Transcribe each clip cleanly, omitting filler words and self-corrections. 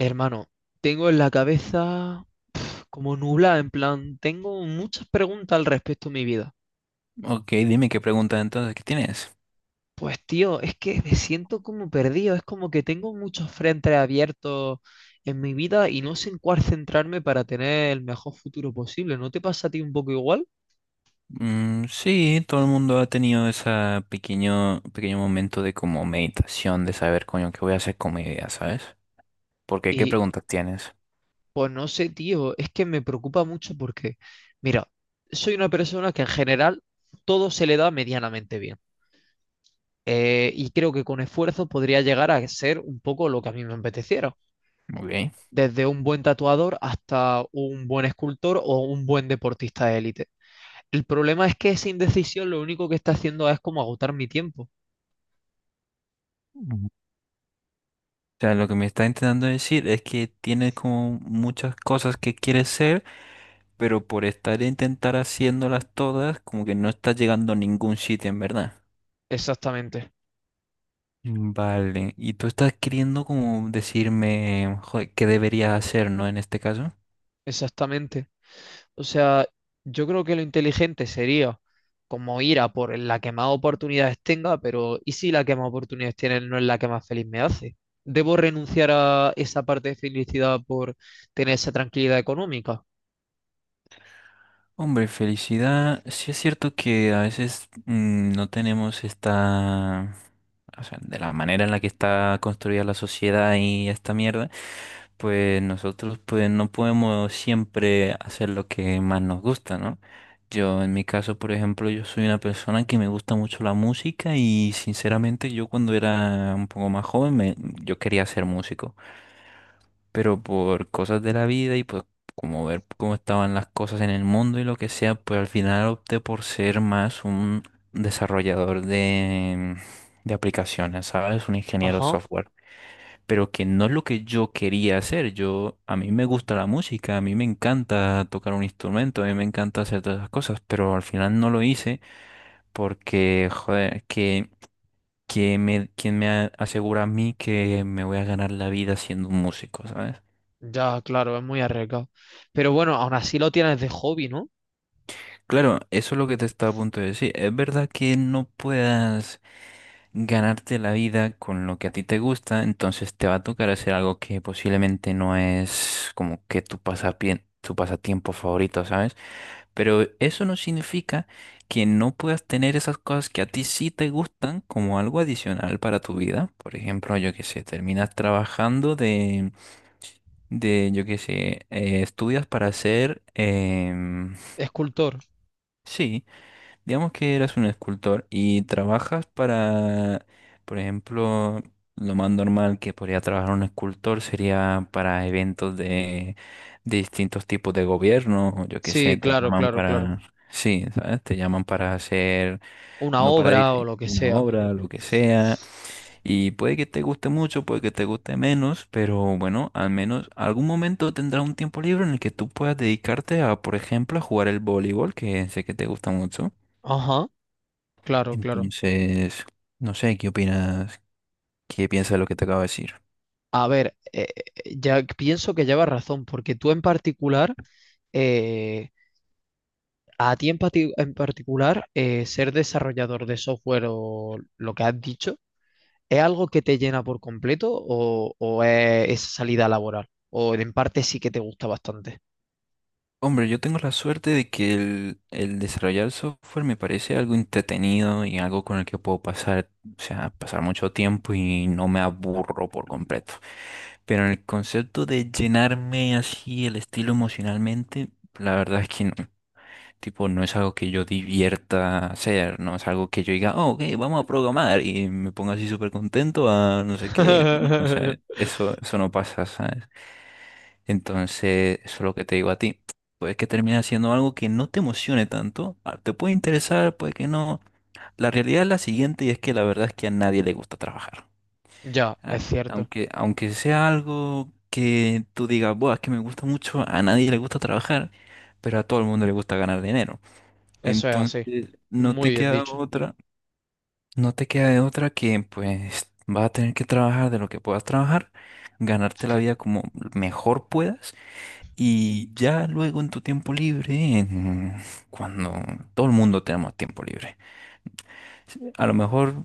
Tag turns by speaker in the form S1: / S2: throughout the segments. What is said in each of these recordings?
S1: Hermano, tengo en la cabeza como nublada, en plan, tengo muchas preguntas al respecto de mi vida.
S2: Ok, dime qué pregunta entonces que tienes.
S1: Pues tío, es que me siento como perdido, es como que tengo muchos frentes abiertos en mi vida y no sé en cuál centrarme para tener el mejor futuro posible. ¿No te pasa a ti un poco igual?
S2: Mm, sí, todo el mundo ha tenido ese pequeño, pequeño momento de como meditación, de saber, coño, qué voy a hacer con mi vida, ¿sabes? Porque, ¿qué
S1: Y
S2: preguntas tienes?
S1: pues no sé, tío, es que me preocupa mucho porque, mira, soy una persona que en general todo se le da medianamente bien. Y creo que con esfuerzo podría llegar a ser un poco lo que a mí me apeteciera.
S2: Ok.
S1: Desde un buen tatuador hasta un buen escultor o un buen deportista de élite. El problema es que esa indecisión lo único que está haciendo es como agotar mi tiempo.
S2: Ujú. O sea, lo que me está intentando decir es que tienes como muchas cosas que quieres ser, pero por estar a intentar haciéndolas todas, como que no estás llegando a ningún sitio, en verdad.
S1: Exactamente,
S2: Vale, y tú estás queriendo como decirme, joder, qué debería hacer, ¿no? En este caso.
S1: exactamente. O sea, yo creo que lo inteligente sería como ir a por la que más oportunidades tenga, pero ¿y si la que más oportunidades tiene no es la que más feliz me hace? ¿Debo renunciar a esa parte de felicidad por tener esa tranquilidad económica?
S2: Hombre, felicidad. Sí es cierto que a veces no tenemos esta, o sea, de la manera en la que está construida la sociedad y esta mierda, pues nosotros pues no podemos siempre hacer lo que más nos gusta, ¿no? Yo en mi caso, por ejemplo, yo soy una persona que me gusta mucho la música y sinceramente yo cuando era un poco más joven yo quería ser músico, pero por cosas de la vida y pues como ver cómo estaban las cosas en el mundo y lo que sea, pues al final opté por ser más un desarrollador de aplicaciones, ¿sabes? Un ingeniero
S1: Ajá,
S2: software, pero que no es lo que yo quería hacer. Yo, a mí me gusta la música, a mí me encanta tocar un instrumento, a mí me encanta hacer todas esas cosas, pero al final no lo hice porque, joder, quien me asegura a mí que me voy a ganar la vida siendo un músico, ¿sabes?
S1: ya, claro, es muy arriesgado. Pero bueno, aún así lo tienes de hobby, ¿no?
S2: Claro, eso es lo que te estaba a punto de decir. Es verdad que no puedas ganarte la vida con lo que a ti te gusta, entonces te va a tocar hacer algo que posiblemente no es como que tu tu pasatiempo favorito, ¿sabes? Pero eso no significa que no puedas tener esas cosas que a ti sí te gustan como algo adicional para tu vida. Por ejemplo, yo qué sé, terminas trabajando de yo qué sé, estudias para ser,
S1: Escultor.
S2: sí. Digamos que eres un escultor y trabajas para, por ejemplo, lo más normal que podría trabajar un escultor sería para eventos de distintos tipos de gobierno, o yo qué sé,
S1: Sí,
S2: te
S1: claro,
S2: llaman
S1: claro, claro.
S2: para, sí, ¿sabes? Te llaman para hacer,
S1: Una
S2: no para
S1: obra o
S2: diseñar
S1: lo que
S2: una
S1: sea.
S2: obra, lo que sea, y puede que te guste mucho, puede que te guste menos, pero bueno, al menos algún momento tendrás un tiempo libre en el que tú puedas dedicarte a, por ejemplo, a jugar el voleibol, que sé que te gusta mucho.
S1: Ajá, claro, claro.
S2: Entonces, no sé, ¿qué opinas? ¿Qué piensas de lo que te acabo de decir?
S1: A ver, ya pienso que llevas razón, porque tú en particular, eh, a ti en, en particular, ser desarrollador de software o lo que has dicho, ¿es algo que te llena por completo o es esa salida laboral? O en parte sí que te gusta bastante.
S2: Hombre, yo tengo la suerte de que el desarrollar software me parece algo entretenido y algo con el que puedo pasar, o sea, pasar mucho tiempo y no me aburro por completo. Pero en el concepto de llenarme así el estilo emocionalmente, la verdad es que no. Tipo, no es algo que yo divierta hacer, no es algo que yo diga, oh, ok, vamos a programar y me ponga así súper contento a no sé qué. No, o sea, eso no pasa, ¿sabes? Entonces, eso es lo que te digo a ti. Puede que termine haciendo algo que no te emocione tanto, ah, te puede interesar, puede que no. La realidad es la siguiente y es que la verdad es que a nadie le gusta trabajar.
S1: Ya,
S2: Ah,
S1: es cierto.
S2: aunque sea algo que tú digas, buah, es que me gusta mucho, a nadie le gusta trabajar, pero a todo el mundo le gusta ganar dinero.
S1: Eso es así.
S2: Entonces, no
S1: Muy
S2: te
S1: bien
S2: queda
S1: dicho.
S2: otra, no te queda de otra que pues vas a tener que trabajar de lo que puedas trabajar, ganarte la vida como mejor puedas y ya luego en tu tiempo libre, cuando todo el mundo tenemos tiempo libre, a lo mejor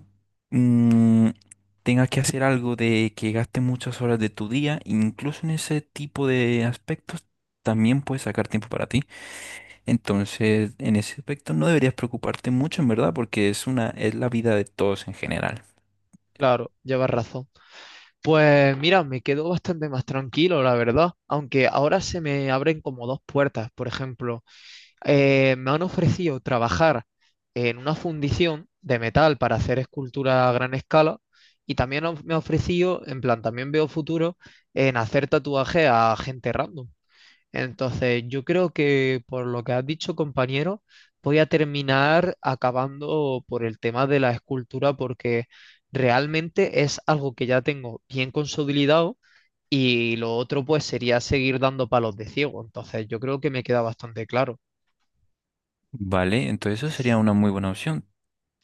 S2: mm, tengas que hacer algo de que gaste muchas horas de tu día, incluso en ese tipo de aspectos también puedes sacar tiempo para ti. Entonces, en ese aspecto no deberías preocuparte mucho, en verdad, porque es la vida de todos en general.
S1: Claro, llevas razón. Pues mira, me quedo bastante más tranquilo, la verdad, aunque ahora se me abren como dos puertas. Por ejemplo, me han ofrecido trabajar en una fundición de metal para hacer escultura a gran escala y también me ha ofrecido, en plan, también veo futuro en hacer tatuajes a gente random. Entonces, yo creo que por lo que has dicho, compañero, voy a terminar acabando por el tema de la escultura porque realmente es algo que ya tengo bien consolidado y lo otro pues sería seguir dando palos de ciego. Entonces, yo creo que me queda bastante claro.
S2: Vale, entonces eso sería una muy buena opción.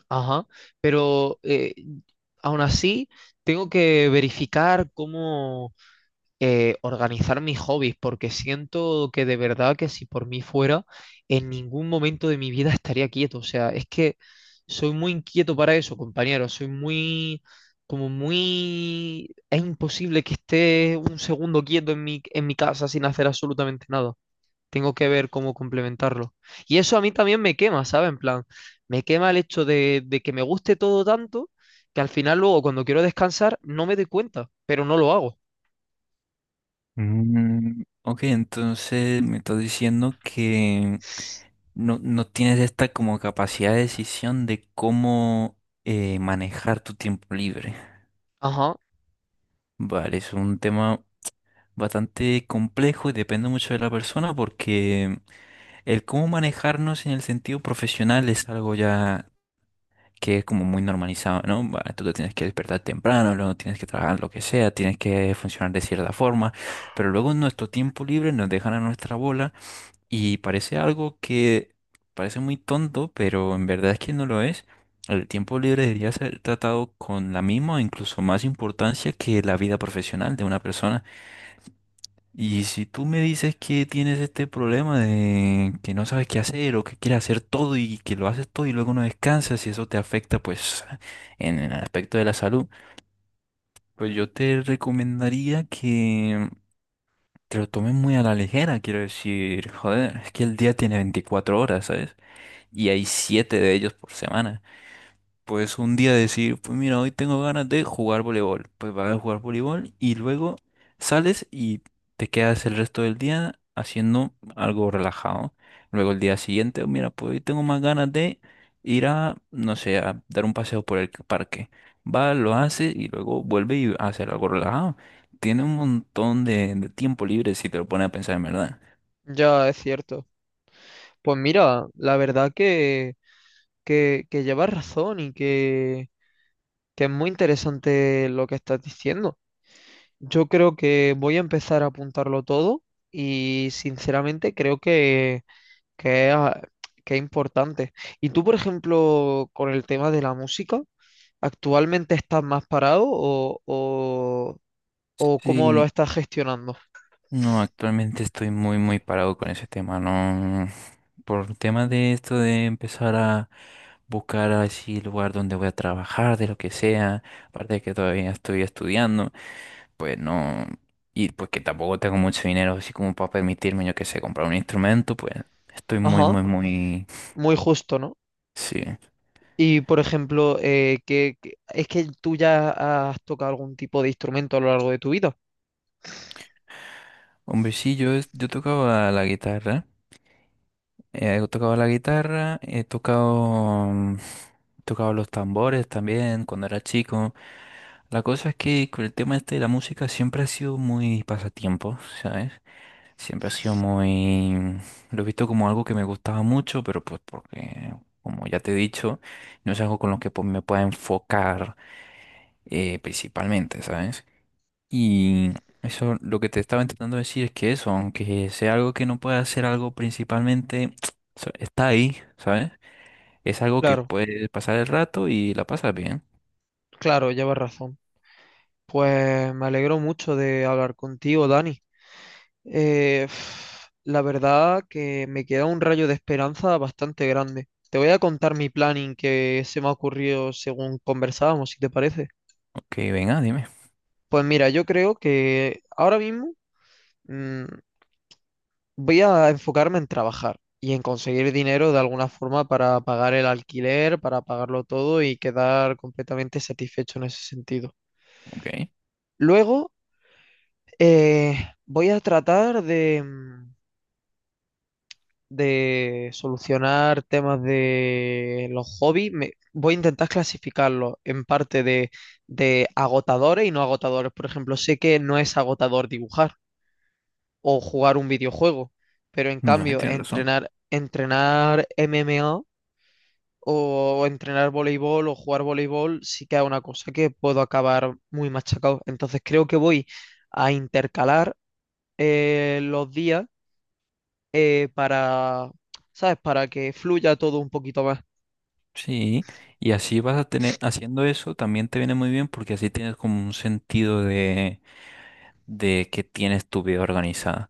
S1: Ajá, pero aún así tengo que verificar cómo organizar mis hobbies, porque siento que de verdad que si por mí fuera, en ningún momento de mi vida estaría quieto. O sea, es que soy muy inquieto para eso, compañero. Soy muy, como muy... Es imposible que esté un segundo quieto en mi casa sin hacer absolutamente nada. Tengo que ver cómo complementarlo. Y eso a mí también me quema, ¿sabes? En plan, me quema el hecho de que me guste todo tanto que al final luego cuando quiero descansar no me doy cuenta, pero no lo hago.
S2: Mm, ok, entonces me estás diciendo que no, no tienes esta como capacidad de decisión de cómo manejar tu tiempo libre.
S1: Ajá,
S2: Vale, es un tema bastante complejo y depende mucho de la persona porque el cómo manejarnos en el sentido profesional es algo ya que es como muy normalizado, ¿no? Bueno, tú te tienes que despertar temprano, luego tienes que trabajar lo que sea, tienes que funcionar de cierta forma, pero luego en nuestro tiempo libre nos dejan a nuestra bola y parece algo que parece muy tonto, pero en verdad es que no lo es. El tiempo libre debería ser tratado con la misma o incluso más importancia que la vida profesional de una persona. Y si tú me dices que tienes este problema de que no sabes qué hacer o que quieres hacer todo y que lo haces todo y luego no descansas y eso te afecta pues en el aspecto de la salud, pues yo te recomendaría que te lo tomes muy a la ligera, quiero decir, joder, es que el día tiene 24 horas, ¿sabes? Y hay 7 de ellos por semana. Pues un día decir, pues mira, hoy tengo ganas de jugar voleibol. Pues vas a jugar voleibol y luego sales y te quedas el resto del día haciendo algo relajado. Luego el día siguiente, mira, pues hoy tengo más ganas de ir a, no sé, a dar un paseo por el parque. Va, lo hace y luego vuelve y hace algo relajado. Tiene un montón de tiempo libre si te lo pones a pensar en verdad.
S1: ya, es cierto. Pues mira, la verdad que llevas razón y que es muy interesante lo que estás diciendo. Yo creo que voy a empezar a apuntarlo todo y sinceramente creo que es, ah, que es importante. ¿Y tú, por ejemplo, con el tema de la música, actualmente estás más parado o cómo lo
S2: Sí,
S1: estás gestionando?
S2: no, actualmente estoy muy, muy parado con ese tema. No, no, no. Por tema de esto de empezar a buscar así el lugar donde voy a trabajar, de lo que sea, aparte de que todavía estoy estudiando, pues no, y pues que tampoco tengo mucho dinero así como para permitirme, yo que sé, comprar un instrumento, pues estoy muy,
S1: Ajá,
S2: muy, muy,
S1: muy justo, ¿no?
S2: sí.
S1: Y por ejemplo, es que tú ya has tocado algún tipo de instrumento a lo largo de tu vida.
S2: Hombre, sí, yo tocaba la guitarra, he tocado la guitarra, he tocado los tambores también cuando era chico. La cosa es que con el tema este de la música siempre ha sido muy pasatiempo, ¿sabes? Siempre ha sido muy. Lo he visto como algo que me gustaba mucho, pero pues porque, como ya te he dicho, no es algo con lo que pues, me pueda enfocar principalmente, ¿sabes? Y eso, lo que te estaba intentando decir es que eso, aunque sea algo que no pueda ser algo principalmente, está ahí, ¿sabes? Es algo que
S1: Claro,
S2: puede pasar el rato y la pasas bien.
S1: claro, llevas razón. Pues me alegro mucho de hablar contigo, Dani. Eh, la verdad que me queda un rayo de esperanza bastante grande. Te voy a contar mi planning que se me ha ocurrido según conversábamos, si te parece.
S2: Ok, venga, dime.
S1: Pues mira, yo creo que ahora mismo mm, voy a enfocarme en trabajar y en conseguir dinero de alguna forma para pagar el alquiler, para pagarlo todo y quedar completamente satisfecho en ese sentido.
S2: Ok.
S1: Luego, eh, voy a tratar de solucionar temas de los hobbies. Voy a intentar clasificarlos en parte de agotadores y no agotadores. Por ejemplo, sé que no es agotador dibujar o jugar un videojuego, pero en
S2: Bueno,
S1: cambio,
S2: tienes razón.
S1: entrenar MMA o entrenar voleibol o jugar voleibol, sí que es una cosa que puedo acabar muy machacado. Entonces creo que voy a intercalar los días para, ¿sabes? Para que fluya todo un poquito más.
S2: Sí, y así vas a tener, haciendo eso también te viene muy bien porque así tienes como un sentido de que tienes tu vida organizada.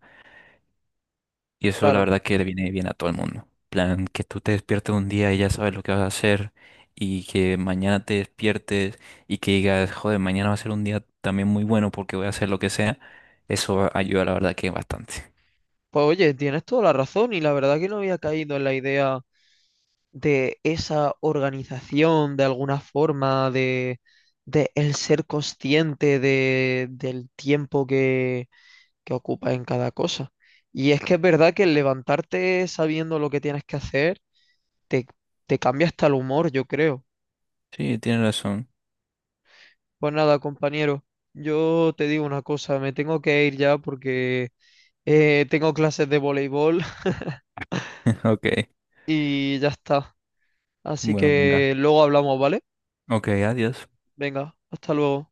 S2: Y eso la
S1: Claro,
S2: verdad que le viene bien a todo el mundo. Plan, que tú te despiertes un día y ya sabes lo que vas a hacer y que mañana te despiertes y que digas, joder, mañana va a ser un día también muy bueno porque voy a hacer lo que sea. Eso ayuda la verdad que bastante.
S1: pues oye, tienes toda la razón y la verdad que no había caído en la idea de esa organización de alguna forma, de el ser consciente de, del tiempo que ocupas en cada cosa. Y es que es verdad que el levantarte sabiendo lo que tienes que hacer te, te cambia hasta el humor, yo creo.
S2: Sí, tienes razón.
S1: Pues nada, compañero, yo te digo una cosa, me tengo que ir ya porque tengo clases de voleibol
S2: Ok,
S1: y ya está. Así
S2: bueno, venga.
S1: que luego hablamos, ¿vale?
S2: Ok, adiós.
S1: Venga, hasta luego.